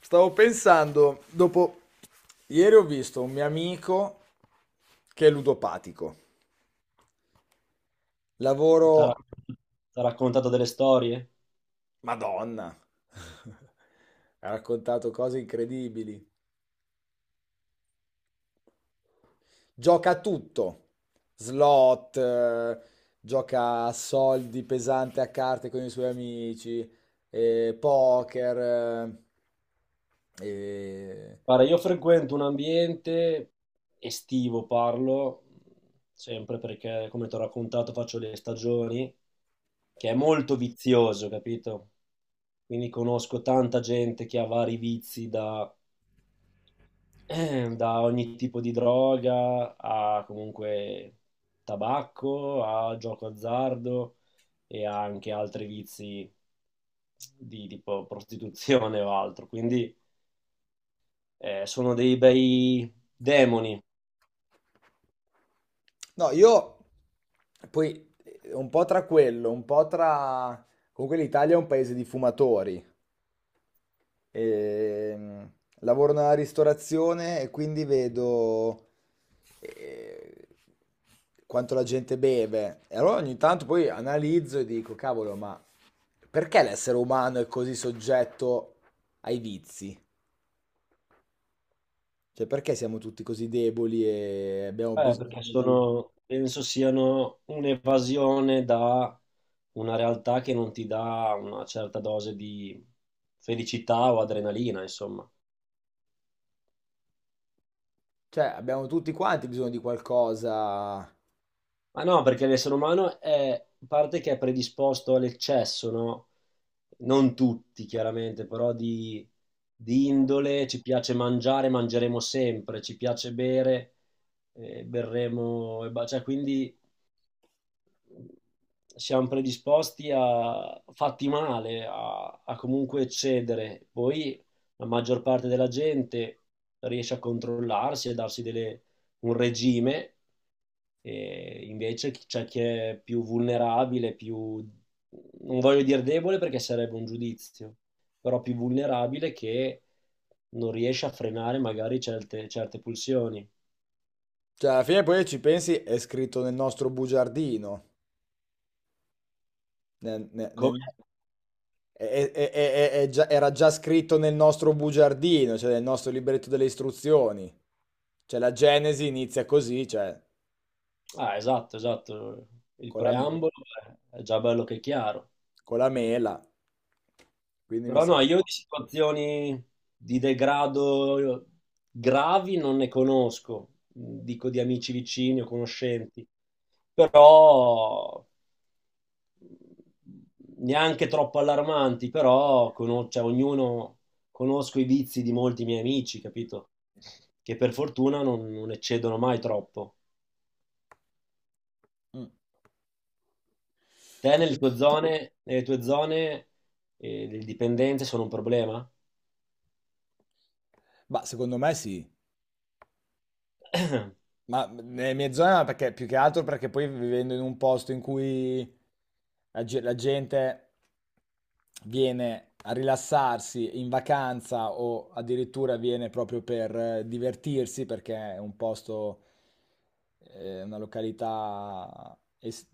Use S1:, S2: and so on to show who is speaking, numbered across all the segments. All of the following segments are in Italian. S1: Stavo pensando, dopo ieri ho visto un mio amico che è ludopatico.
S2: T'ha
S1: Lavoro,
S2: rac- T'ha raccontato delle storie?
S1: Madonna. Ha raccontato cose incredibili. Gioca a tutto. Slot, gioca a soldi pesante a carte con i suoi amici, poker, e
S2: Guarda, io frequento un ambiente estivo, parlo, sempre perché, come ti ho raccontato, faccio le stagioni, che è molto vizioso, capito? Quindi conosco tanta gente che ha vari vizi da, da ogni tipo di droga a comunque tabacco, a gioco azzardo e anche altri vizi di tipo prostituzione o altro. Sono dei bei demoni,
S1: no, io poi un po' tra quello, un po' tra... Comunque l'Italia è un paese di fumatori. E, mm, lavoro nella ristorazione e quindi vedo eh, quanto la gente beve. E allora ogni tanto poi analizzo e dico, cavolo, ma perché l'essere umano è così soggetto ai vizi? Cioè, perché siamo tutti così deboli e abbiamo
S2: perché
S1: bisogno di...
S2: sono, penso siano un'evasione da una realtà che non ti dà una certa dose di felicità o adrenalina, insomma.
S1: Cioè, abbiamo tutti quanti bisogno di qualcosa.
S2: Ma no, perché l'essere umano è parte che è predisposto all'eccesso, no? Non tutti, chiaramente, però di indole, ci piace mangiare, mangeremo sempre, ci piace bere, berremo, e cioè quindi siamo predisposti a fatti male, a comunque cedere. Poi la maggior parte della gente riesce a controllarsi e un regime, e invece c'è chi è più vulnerabile, più, non voglio dire debole perché sarebbe un giudizio, però più vulnerabile che non riesce a frenare magari certe pulsioni.
S1: Cioè, alla fine poi ci pensi, è scritto nel nostro bugiardino. Nel- nel-
S2: Come.
S1: nel- è- è già- Era già scritto nel nostro bugiardino, cioè nel nostro libretto delle istruzioni. Cioè, la Genesi inizia così, cioè,
S2: Ah, esatto, esatto. Il
S1: con la, me-
S2: preambolo, beh, è già bello che è chiaro.
S1: con la mela. Quindi mi
S2: Però
S1: sa.
S2: no, io di situazioni di degrado gravi non ne conosco, dico di amici vicini o conoscenti, però mm, neanche troppo allarmanti, però cioè, ognuno conosco i vizi di molti miei amici, capito? Che per fortuna non eccedono mai troppo.
S1: Mm.
S2: Te nelle tue zone le dipendenze sono un problema?
S1: Ma secondo me sì. Ma nelle mie zone no, perché più che altro perché poi vivendo in un posto in cui la gente viene a rilassarsi in vacanza o addirittura viene proprio per divertirsi perché è un posto, eh, una località es-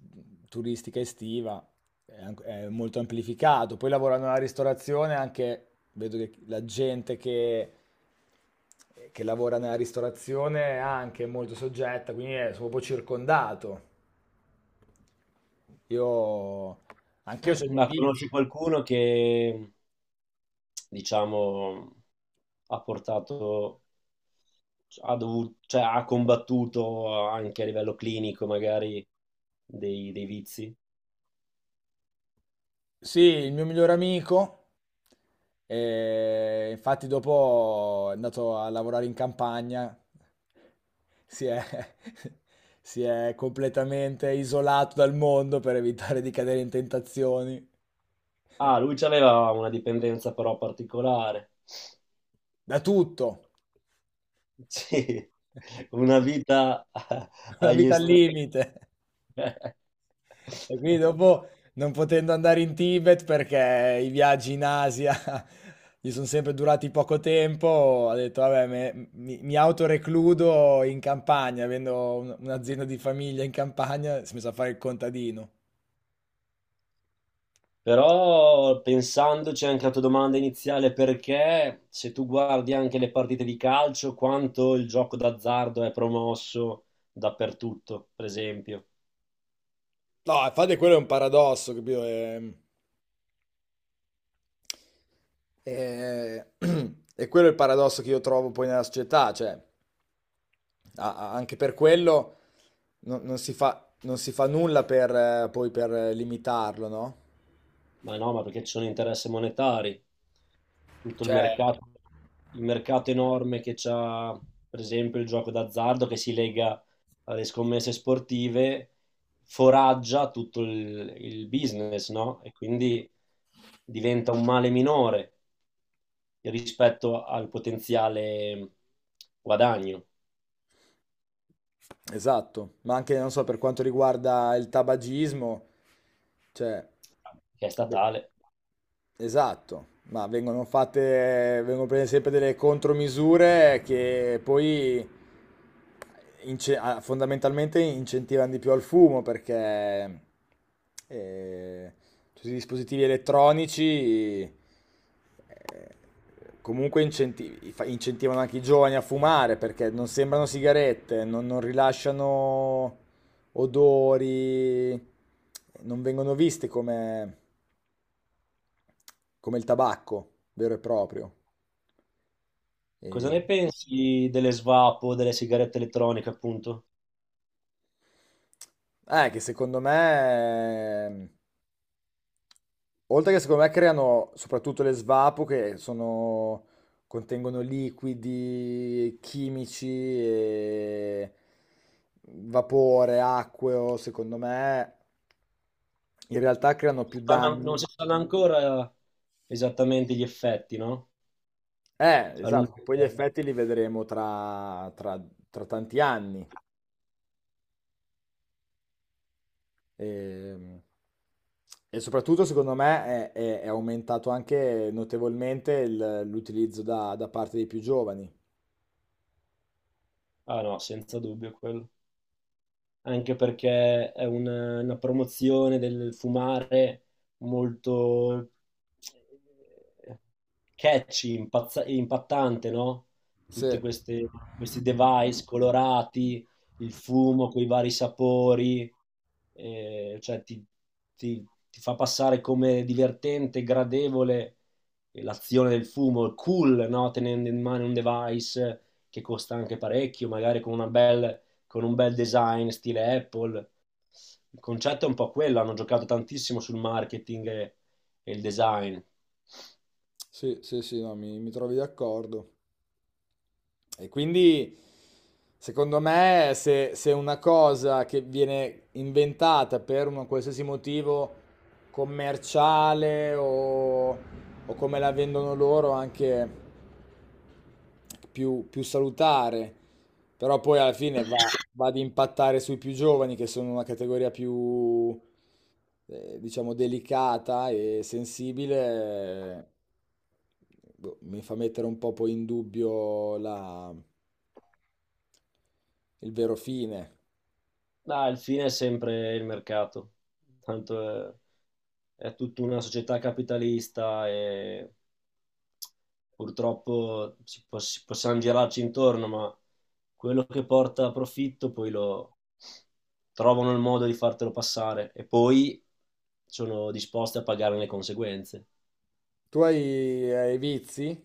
S1: turistica estiva, è molto amplificato. Poi lavorando nella ristorazione anche vedo che la gente che lavora nella ristorazione è anche molto soggetta, quindi sono un po' circondato. Io, anch'io ho i miei
S2: Ma conosci
S1: vizi.
S2: qualcuno che, diciamo, ha portato, ha dovuto, cioè, ha combattuto anche a livello clinico magari dei vizi?
S1: Sì, il mio migliore amico, infatti dopo è andato a lavorare in campagna, si è, si è completamente isolato dal mondo per evitare di cadere in tentazioni,
S2: Ah, lui aveva una dipendenza però particolare.
S1: da tutto,
S2: Sì, una vita
S1: una
S2: agli
S1: vita al
S2: estremi.
S1: limite. E quindi dopo, non potendo andare in Tibet perché i viaggi in Asia gli sono sempre durati poco tempo, ho detto, vabbè, mi autorecludo in campagna, avendo un'azienda di famiglia in campagna, si è messo a fare il contadino.
S2: Però pensandoci anche alla tua domanda iniziale, perché se tu guardi anche le partite di calcio, quanto il gioco d'azzardo è promosso dappertutto, per esempio.
S1: No, infatti quello è un paradosso, capito? È- è quello il paradosso che io trovo poi nella società, cioè, anche per quello non si fa, non si fa nulla per, poi per limitarlo, no?
S2: Ma no, ma perché ci sono interessi monetari. Tutto
S1: Cioè,
S2: il mercato enorme che c'ha, per esempio, il gioco d'azzardo che si lega alle scommesse sportive, foraggia il business, no? E quindi diventa un male minore rispetto al potenziale guadagno
S1: esatto, ma anche, non so, per quanto riguarda il tabagismo, cioè,
S2: che è
S1: beh,
S2: statale.
S1: esatto, ma vengono fatte, vengono prese sempre delle contromisure che poi fondamentalmente incentivano di più al fumo perché eh, tutti i dispositivi elettronici eh, comunque incentivano anche i giovani a fumare perché non sembrano sigarette, non rilasciano odori, non vengono viste come come il tabacco vero e proprio.
S2: Cosa
S1: E...
S2: ne pensi delle svapo, delle sigarette elettroniche, appunto?
S1: Che secondo me, oltre che secondo me creano soprattutto le svapo contengono liquidi chimici e vapore, acqueo, secondo me in realtà creano più danni.
S2: Non si sanno ancora esattamente gli effetti, no? A lungo
S1: Esatto, poi gli
S2: termine.
S1: effetti li vedremo tra tanti anni. E, e soprattutto, secondo me, è aumentato anche notevolmente l'utilizzo da parte dei più giovani.
S2: Ah no, senza dubbio quello. Anche perché è una promozione del fumare molto eh, catchy, impattante, no?
S1: Sì,
S2: Tutti questi device colorati, il fumo con i vari sapori, eh, cioè ti, ti fa passare come divertente, gradevole, l'azione del fumo, cool, no? Tenendo in mano un device che costa anche parecchio, magari con una bella con un bel design stile Apple. Il concetto è un po' quello, hanno giocato tantissimo sul marketing e il design.
S1: sì, sì, sì, no, mi trovi d'accordo. E quindi, secondo me, se una cosa che viene inventata per un qualsiasi motivo commerciale o come la vendono loro, anche più salutare, però poi alla fine va ad impattare sui più giovani che sono una categoria più, diciamo, delicata e sensibile, boh, mi fa mettere un po' poi in dubbio il vero fine.
S2: Ma il fine è sempre il mercato, tanto è tutta una società capitalista e purtroppo si possiamo girarci intorno, ma quello che porta a profitto poi lo trovano il modo di fartelo passare e poi sono disposti a pagare le conseguenze.
S1: Tu hai vizi?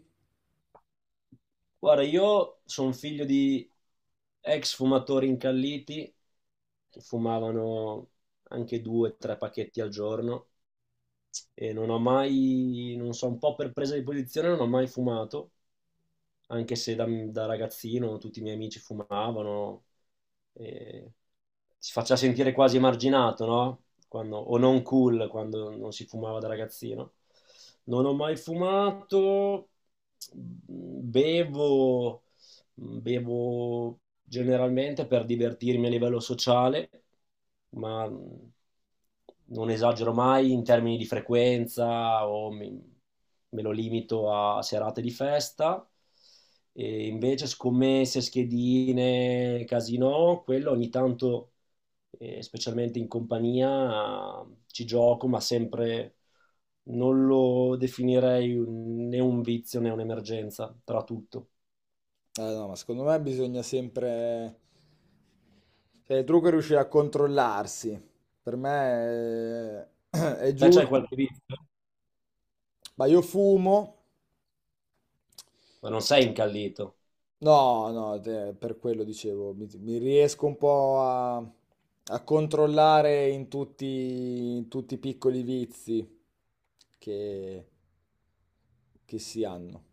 S2: Guarda, io sono figlio di ex fumatori incalliti, che fumavano anche 2 o 3 pacchetti al giorno e non ho mai, non so, un po' per presa di posizione non ho mai fumato, anche se da ragazzino tutti i miei amici fumavano, e si faccia sentire quasi emarginato, no? O non cool quando non si fumava da ragazzino. Non ho mai fumato, bevo. Bevo generalmente per divertirmi a livello sociale, ma non esagero mai in termini di frequenza o me lo limito a serate di festa. E invece scommesse, schedine, casino, quello ogni tanto, specialmente in compagnia, ci gioco, ma sempre non lo definirei né un vizio né un'emergenza, tra tutto.
S1: No, ma secondo me bisogna sempre... Cioè, il trucco è riuscire a controllarsi. Per me è,
S2: Te c'hai
S1: giusto.
S2: qualche vizio?
S1: Ma io fumo.
S2: Ma non sei incallito.
S1: No, no, per quello dicevo, mi riesco un po' a, a controllare in tutti i piccoli vizi che, che si hanno.